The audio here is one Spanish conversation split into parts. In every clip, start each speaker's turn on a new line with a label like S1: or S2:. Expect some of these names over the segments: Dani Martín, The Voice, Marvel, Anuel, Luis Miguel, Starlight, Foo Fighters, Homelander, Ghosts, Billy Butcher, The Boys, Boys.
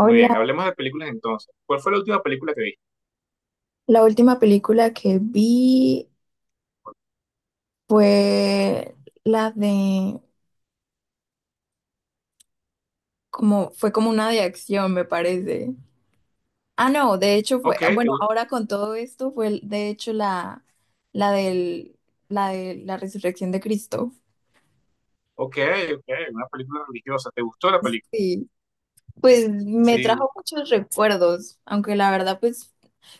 S1: Muy bien, hablemos de películas entonces. ¿Cuál fue la última película que viste?
S2: la última película que vi fue la de como fue como una de acción, me parece. Ah, no, de hecho fue,
S1: Ok, te
S2: bueno,
S1: gustó.
S2: ahora con todo esto fue el- de hecho la del la de la resurrección de Cristo.
S1: Ok, ok, una película religiosa. ¿Te gustó la película?
S2: Sí, pues me
S1: Sí.
S2: trajo muchos recuerdos, aunque la verdad pues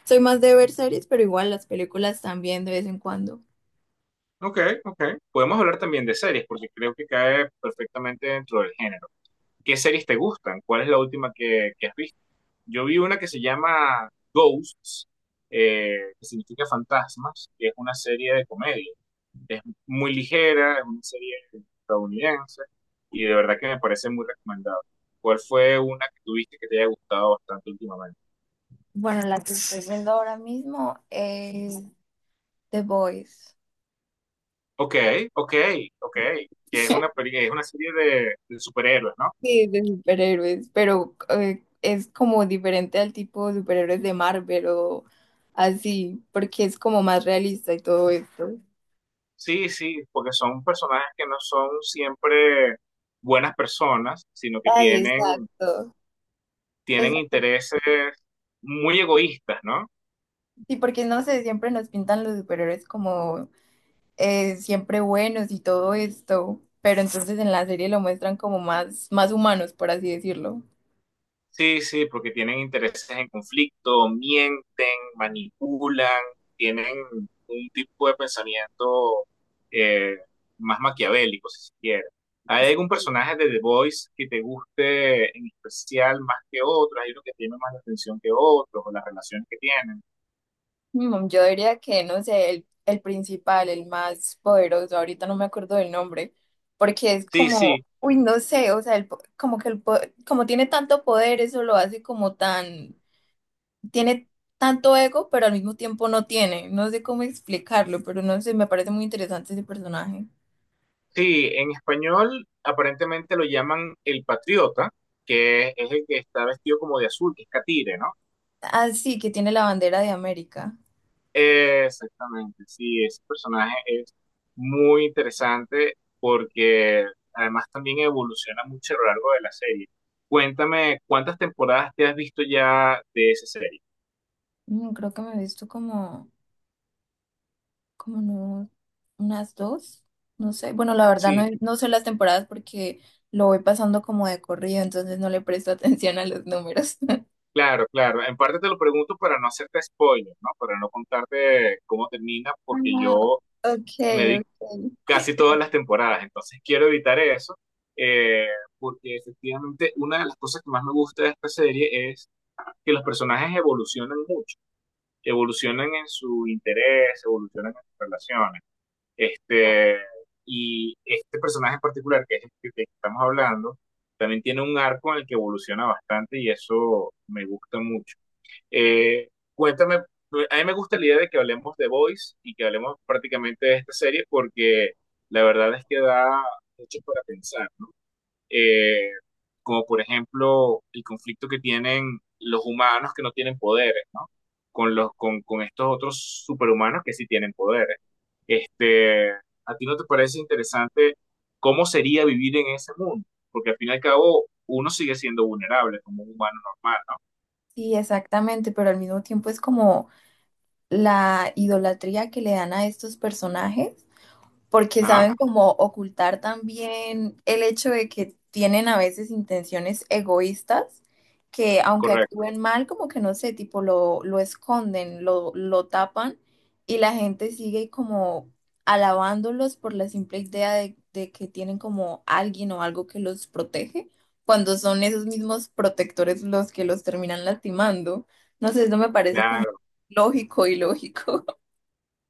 S2: soy más de ver series, pero igual las películas también de vez en cuando.
S1: Ok, ok. Podemos hablar también de series, porque creo que cae perfectamente dentro del género. ¿Qué series te gustan? ¿Cuál es la última que has visto? Yo vi una que se llama Ghosts, que significa fantasmas, que es una serie de comedia. Es muy ligera, es una serie estadounidense y de verdad que me parece muy recomendable. ¿Cuál fue una que tuviste que te haya gustado bastante últimamente?
S2: Bueno, la que estoy viendo ahora mismo es The Boys.
S1: Ok, ok, ok. Que es es una serie de superhéroes, ¿no?
S2: Sí, de superhéroes, pero es como diferente al tipo de superhéroes de Marvel o así, porque es como más realista y todo esto.
S1: Sí, sí, porque son personajes que no son siempre buenas personas, sino que
S2: Ay,
S1: tienen,
S2: exacto,
S1: tienen
S2: exacto.
S1: intereses muy egoístas, ¿no?
S2: Sí, porque no sé, siempre nos pintan los superhéroes como siempre buenos y todo esto, pero entonces en la serie lo muestran como más, más humanos, por así decirlo.
S1: Sí, sí, porque tienen intereses en conflicto, mienten, manipulan, tienen un tipo de pensamiento eh, más maquiavélico, si se quiere. ¿Hay algún personaje de The Voice que te guste en especial más que otro? ¿Hay uno que tiene más la atención que otros o las relaciones que tienen?
S2: Yo diría que, no sé, el principal, el más poderoso, ahorita no me acuerdo del nombre, porque es
S1: Sí,
S2: como,
S1: sí,
S2: uy, no sé, o sea, el po- como que el, po- como tiene tanto poder, eso lo hace como tan, tiene tanto ego, pero al mismo tiempo no tiene, no sé cómo explicarlo, pero no sé, me parece muy interesante ese personaje.
S1: sí. En español aparentemente lo llaman el patriota, que es el que está vestido como de azul, que es catire, ¿no?
S2: Ah, sí, que tiene la bandera de América.
S1: Exactamente, sí, ese personaje es muy interesante porque además también evoluciona mucho a lo largo de la serie. Cuéntame, ¿cuántas temporadas te has visto ya de esa serie?
S2: Creo que me he visto como... como no, unas dos, no sé. Bueno, la verdad no,
S1: Sí,
S2: he- no sé las temporadas porque lo voy pasando como de corrido, entonces no le presto atención a los números.
S1: claro, claro. En parte te lo pregunto para no hacerte spoiler, ¿no? Para no contarte cómo termina, porque
S2: Ah,
S1: yo me
S2: okay,
S1: vi
S2: okay.
S1: casi todas las temporadas, entonces quiero evitar eso, eh, porque efectivamente una de las cosas que más me gusta de esta serie es que los personajes evolucionan mucho. Evolucionan en su interés, evolucionan en sus relaciones. Este, y este personaje en particular, que es el que estamos hablando, también tiene un arco en el que evoluciona bastante y eso me gusta mucho. Eh, cuéntame, a mí me gusta la idea de que hablemos de Boys y que hablemos prácticamente de esta serie porque la verdad es que da mucho para pensar, eh, como por ejemplo el conflicto que tienen los humanos que no tienen poderes, ¿no? Con estos otros superhumanos que sí tienen poderes. Este, ¿a ti no te parece interesante cómo sería vivir en ese mundo? Porque al fin y al cabo uno sigue siendo vulnerable como un humano normal, ¿no?
S2: Sí, exactamente, pero al mismo tiempo es como la idolatría que le dan a estos personajes porque
S1: Ajá,
S2: saben como ocultar también el hecho de que tienen a veces intenciones egoístas, que aunque
S1: correcto.
S2: actúen mal, como que no sé, tipo lo esconden, lo tapan y la gente sigue como alabándolos por la simple idea de que tienen como alguien o algo que los protege, cuando son esos mismos protectores los que los terminan lastimando. No sé, eso me parece como
S1: Claro.
S2: lógico y lógico.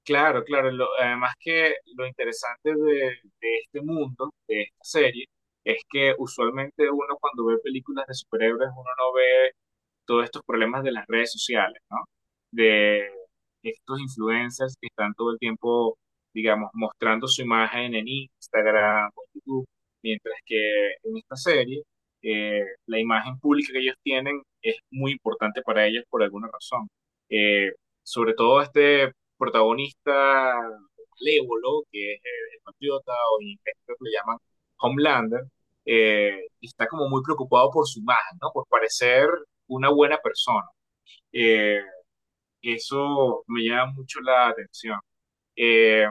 S1: Claro, claro. Además que lo interesante de, este mundo, de esta serie, es que usualmente uno cuando ve películas de superhéroes, uno no ve todos estos problemas de las redes sociales, ¿no? De estos influencers que están todo el tiempo, digamos, mostrando su imagen en Instagram o YouTube, mientras que en esta serie, la imagen pública que ellos tienen es muy importante para ellos por alguna razón. Eh, sobre todo este protagonista malévolo, que es, el patriota o en inglés creo que lo llaman Homelander, está como muy preocupado por su imagen, ¿no? Por parecer una buena persona. Eh, eso me llama mucho la atención. Eh,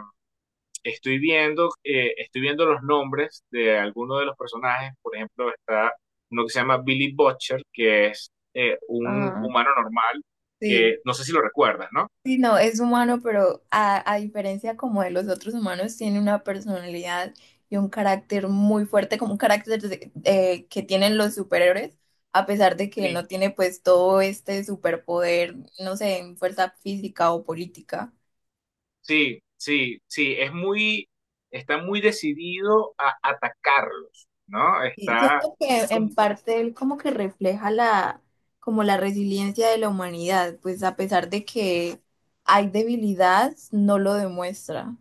S1: estoy viendo los nombres de algunos de los personajes. Por ejemplo, está uno que se llama Billy Butcher, que es, un
S2: Ah,
S1: humano normal,
S2: sí.
S1: que no sé si lo recuerdas, ¿no?
S2: Sí, no, es humano, pero a diferencia como de los otros humanos, tiene una personalidad y un carácter muy fuerte, como un carácter de- que tienen los superhéroes, a pesar de que
S1: Sí,
S2: no tiene pues todo este superpoder, no sé, en fuerza física o política.
S1: sí, sí, sí. Está muy decidido a atacarlos, ¿no?
S2: Y
S1: Está,
S2: siento
S1: es
S2: que en
S1: como.
S2: parte él como que refleja la, como la resiliencia de la humanidad, pues a pesar de que hay debilidad, no lo demuestra.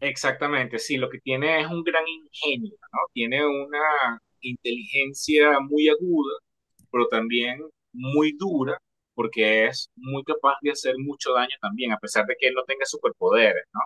S1: Exactamente, sí, lo que tiene es un gran ingenio, ¿no? Tiene una inteligencia muy aguda, pero también muy dura, porque es muy capaz de hacer mucho daño también, a pesar de que él no tenga superpoderes, ¿no?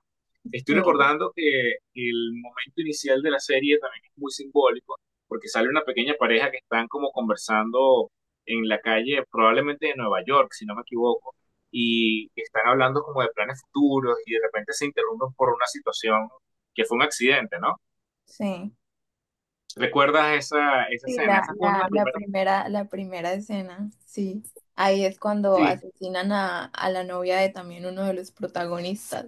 S1: Estoy
S2: Sí,
S1: recordando que el momento inicial de la serie también es muy simbólico, porque sale una pequeña pareja que están como conversando en la calle, probablemente de Nueva York, si no me equivoco, y están hablando como de planes futuros y de repente se interrumpen por una situación que fue un accidente, ¿no?
S2: sí.
S1: ¿Recuerdas esa
S2: Sí,
S1: escena?
S2: la,
S1: Esa fue una
S2: la,
S1: de las
S2: la
S1: primeras.
S2: primera, la primera escena, sí. Ahí es cuando
S1: Sí,
S2: asesinan a la novia de también uno de los protagonistas.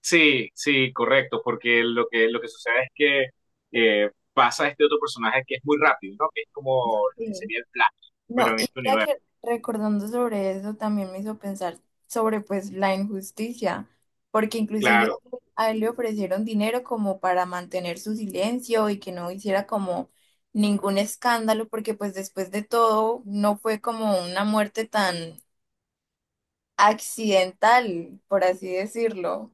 S1: sí, sí, correcto, porque lo que, sucede es que, pasa este otro personaje que es muy rápido, ¿no? Que es como lo que
S2: Sí.
S1: sería el Flash,
S2: No,
S1: pero en
S2: y
S1: este
S2: ya
S1: universo.
S2: que recordando sobre eso también me hizo pensar sobre pues la injusticia, porque inclusive
S1: Claro,
S2: a él le ofrecieron dinero como para mantener su silencio y que no hiciera como ningún escándalo, porque pues después de todo no fue como una muerte tan accidental, por así decirlo.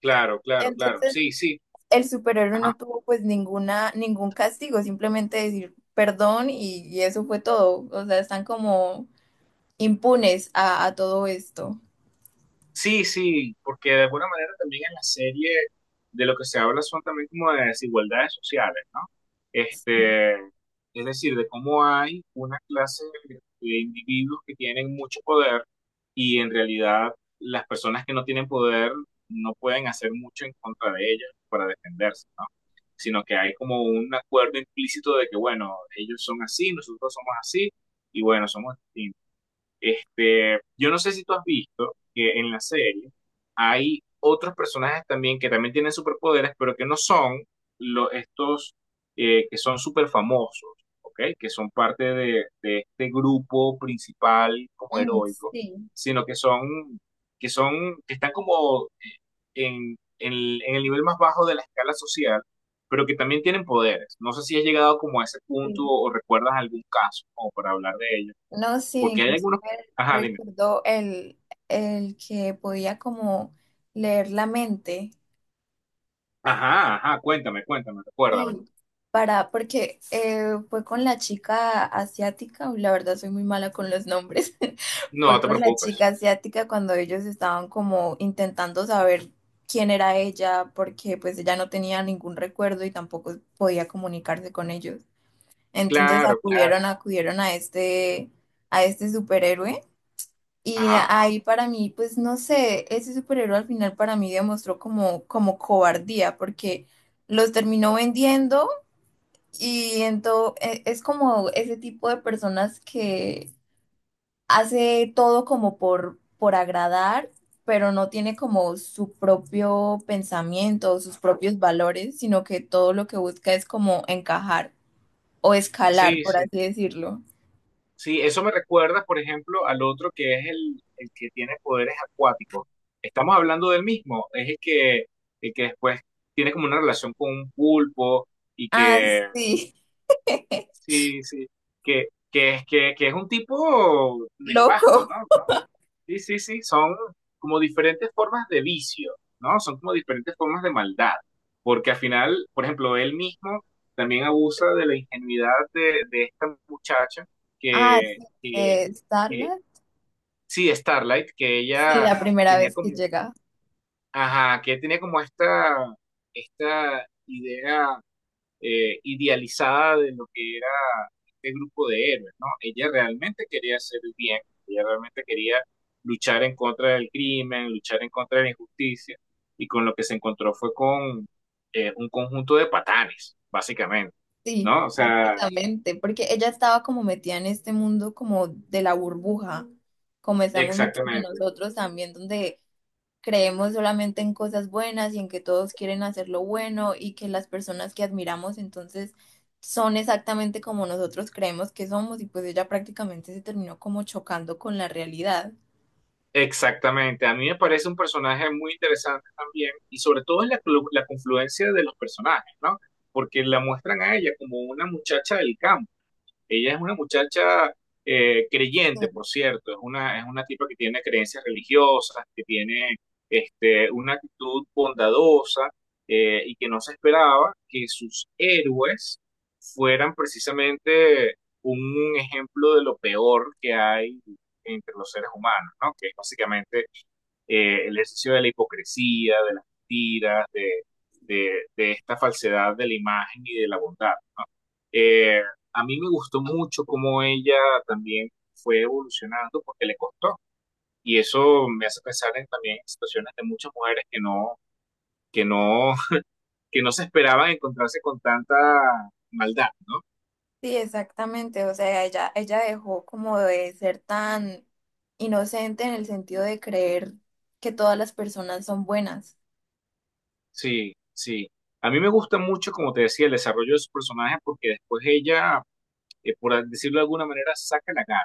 S1: claro, claro, claro.
S2: Entonces,
S1: Sí, sí.
S2: el superhéroe
S1: Ajá.
S2: no tuvo pues ninguna, ningún castigo, simplemente decir perdón y eso fue todo. O sea, están como impunes a todo esto.
S1: Sí, sí, porque de alguna manera también en la serie de lo que se habla son también como de desigualdades sociales, ¿no?
S2: Sí.
S1: Este, es decir, de cómo hay una clase de individuos que tienen mucho poder y en realidad las personas que no tienen poder no pueden hacer mucho en contra de ellas para defenderse, ¿no? Sino que hay como un acuerdo implícito de que, bueno, ellos son así, nosotros somos así, y bueno, somos distintos. Este, yo no sé si tú has visto que en la serie hay otros personajes también que también tienen superpoderes, pero que no son estos, que son súper famosos, ¿ok? Que son parte de, este grupo principal como
S2: Mm,
S1: heroico,
S2: sí,
S1: sino que que están como, en el nivel más bajo de la escala social, pero que también tienen poderes. No sé si has llegado como a ese punto
S2: sí.
S1: o recuerdas algún caso como para hablar de ello.
S2: No, sí,
S1: Porque hay
S2: inclusive
S1: algunos. Ajá, dime.
S2: recuerdo el que podía como leer la mente.
S1: Ajá, ajá, cuéntame, cuéntame,
S2: Sí,
S1: recuérdame.
S2: para, porque fue con la chica asiática, uy, la verdad soy muy mala con los nombres,
S1: No
S2: fue
S1: te
S2: con la
S1: preocupes.
S2: chica asiática cuando ellos estaban como intentando saber quién era ella, porque pues ella no tenía ningún recuerdo y tampoco podía comunicarse con ellos. Entonces
S1: Claro, claro.
S2: acudieron a este superhéroe. Y
S1: Ajá.
S2: ahí para mí, pues no sé, ese superhéroe al final para mí demostró como, como cobardía, porque los terminó vendiendo y entonces es como ese tipo de personas que hace todo como por agradar, pero no tiene como su propio pensamiento, sus propios valores, sino que todo lo que busca es como encajar o escalar,
S1: Sí,
S2: por
S1: sí.
S2: así decirlo.
S1: Sí, eso me recuerda, por ejemplo, al otro que es el que tiene poderes acuáticos. Estamos hablando del mismo. Es el que después tiene como una relación con un pulpo y
S2: Ah, sí,
S1: sí, sí, que, es un tipo nefasto,
S2: loco.
S1: ¿no? Sí, sí, sí, son como diferentes formas de vicio, ¿no? Son como diferentes formas de maldad, porque al final, por ejemplo, él mismo también abusa de la ingenuidad de esta muchacha
S2: Ah, sí,
S1: que,
S2: de
S1: que-
S2: Starlight.
S1: sí, Starlight, que
S2: Sí,
S1: ella
S2: la primera
S1: tenía
S2: vez que
S1: como,
S2: llega.
S1: ajá, que tenía como esta idea, idealizada de lo que era este grupo de héroes, ¿no? Ella realmente quería hacer el bien, ella realmente quería luchar en contra del crimen, luchar en contra de la injusticia, y con lo que se encontró fue con, un conjunto de patanes, básicamente,
S2: Sí.
S1: ¿no? O sea,
S2: Exactamente, porque ella estaba como metida en este mundo como de la burbuja, como estamos muchos de
S1: exactamente,
S2: nosotros también, donde creemos solamente en cosas buenas y en que todos quieren hacer lo bueno y que las personas que admiramos entonces son exactamente como nosotros creemos que somos y pues ella prácticamente se terminó como chocando con la realidad.
S1: exactamente. A mí me parece un personaje muy interesante también, y sobre todo es la confluencia de los personajes, ¿no? Porque la muestran a ella como una muchacha del campo. Ella es una muchacha, creyente,
S2: Sí,
S1: por cierto, es una tipa que tiene creencias religiosas, que tiene una actitud bondadosa, y que no se esperaba que sus héroes fueran precisamente un ejemplo de lo peor que hay entre los seres humanos, ¿no? Que es básicamente, el ejercicio de la hipocresía, de las mentiras, de, de esta falsedad de la imagen y de la bondad. Eh, a mí me gustó mucho cómo ella también fue evolucionando porque le costó. Y eso me hace pensar en, también en situaciones de muchas mujeres que no, que no, que no se esperaban encontrarse con tanta maldad, ¿no?
S2: sí, exactamente, o sea, ella dejó como de ser tan inocente en el sentido de creer que todas las personas son buenas.
S1: Sí, sí. A mí me gusta mucho, como te decía, el desarrollo de su personaje porque después ella, por decirlo de alguna manera, saca la cara.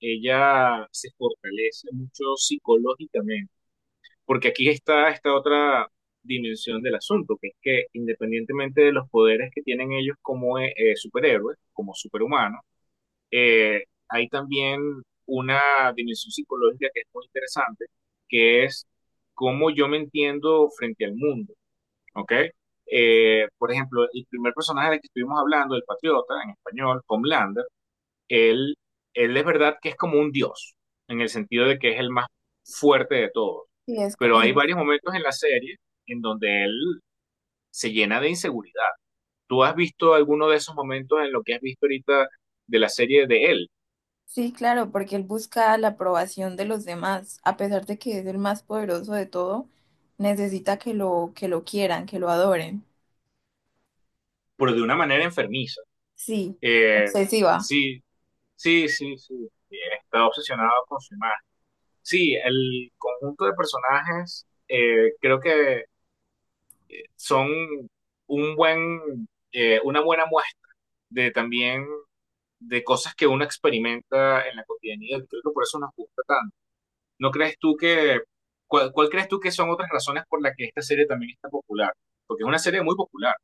S1: Ella se fortalece mucho psicológicamente. Porque aquí está esta otra dimensión del asunto, que es que independientemente de los poderes que tienen ellos como, superhéroes, como superhumanos, eh, hay también una dimensión psicológica que es muy interesante, que es cómo yo me entiendo frente al mundo, ¿ok? Por ejemplo, el primer personaje del que estuvimos hablando, el patriota, en español, Homelander, él, él es verdad que es como un dios, en el sentido de que es el más fuerte de todos,
S2: Sí, es co-
S1: pero hay
S2: en-
S1: varios momentos en la serie en donde él se llena de inseguridad. ¿Tú has visto alguno de esos momentos en lo que has visto ahorita de la serie de él?
S2: sí, claro, porque él busca la aprobación de los demás, a pesar de que es el más poderoso de todo, necesita que lo quieran, que lo adoren.
S1: Pero de una manera enfermiza.
S2: Sí,
S1: Eh,
S2: obsesiva.
S1: sí, sí, sí, sí. Está obsesionado con su imagen. Sí, el conjunto de personajes, creo que son un buen, una buena muestra de también de cosas que uno experimenta en la cotidianidad. Creo que por eso nos gusta tanto. ¿No crees tú cuál crees tú que son otras razones por las que esta serie también está popular? Porque es una serie muy popular.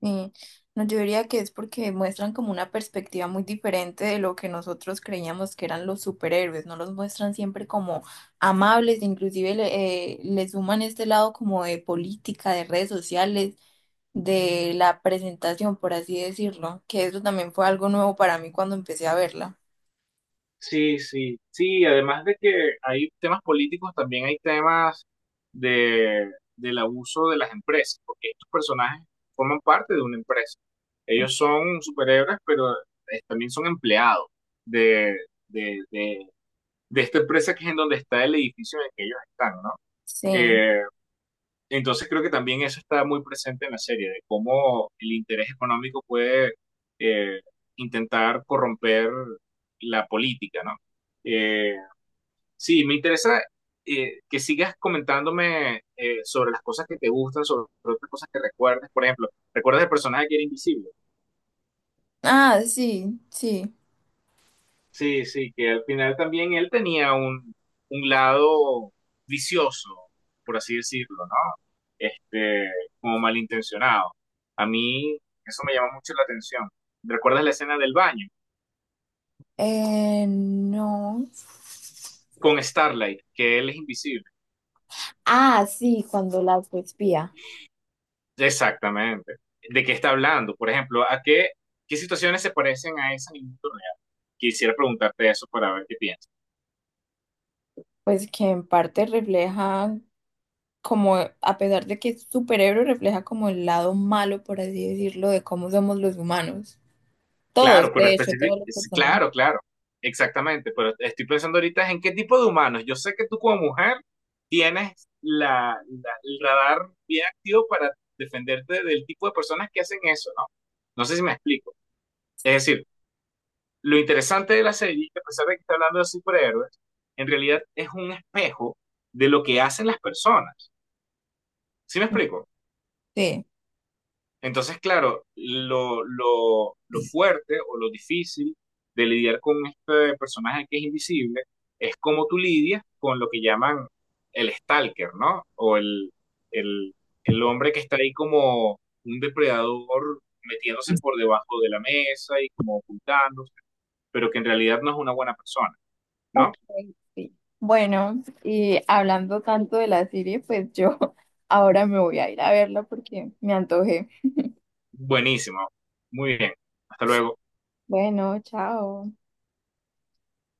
S2: Sí. No, yo diría que es porque muestran como una perspectiva muy diferente de lo que nosotros creíamos que eran los superhéroes, no los muestran siempre como amables, inclusive le, le suman este lado como de política, de redes sociales de la presentación, por así decirlo, que eso también fue algo nuevo para mí cuando empecé a verla.
S1: Sí, sí, sí, además de que hay temas políticos, también hay temas de, del abuso de las empresas, porque estos personajes forman parte de una empresa. Ellos son superhéroes, pero, también son empleados de, de, de, de esta empresa que es en donde está el edificio en el que ellos están, ¿no?
S2: Sí.
S1: Eh, Entonces creo que también eso está muy presente en la serie, de cómo el interés económico puede, eh, intentar corromper la política, ¿no? Eh, sí, me interesa, que sigas comentándome, sobre las cosas que te gustan, sobre otras cosas que recuerdes. Por ejemplo, ¿recuerdas el personaje que era invisible?
S2: Ah, sí, sí.
S1: Sí, sí, que al final también él tenía un lado vicioso, por así decirlo, ¿no? Este, como malintencionado. A mí eso me llama mucho la atención. ¿Recuerdas la escena del baño
S2: No.
S1: con Starlight, que él es invisible?
S2: Ah, sí, cuando la espía.
S1: Exactamente. ¿De qué está hablando? Por ejemplo, qué situaciones se parecen a esa en el mundo real? Quisiera preguntarte eso para ver qué piensas.
S2: Pues que en parte refleja como, a pesar de que es superhéroe, refleja como el lado malo, por así decirlo, de cómo somos los humanos. Todos,
S1: Claro, pero
S2: de hecho,
S1: específico,
S2: todos los personajes.
S1: claro, claro, exactamente, pero estoy pensando ahorita es en qué tipo de humanos. Yo sé que tú como mujer tienes la, el radar bien activo para defenderte del tipo de personas que hacen eso, ¿no? No sé si me explico. Es decir, lo interesante de la serie, que a pesar de que está hablando de superhéroes, en realidad es un espejo de lo que hacen las personas. ¿Sí me explico?
S2: Sí.
S1: Entonces, claro, lo fuerte o lo difícil de lidiar con este personaje que es invisible es cómo tú lidias con lo que llaman el stalker, ¿no? O el, el hombre que está ahí como un depredador metiéndose por debajo de la mesa y como ocultándose, pero que en realidad no es una buena persona,
S2: Ok,
S1: ¿no?
S2: sí. Bueno, y hablando tanto de la serie, pues yo ahora me voy a ir a verla porque me antojé.
S1: Buenísimo. Muy bien. Hasta luego.
S2: Bueno, chao.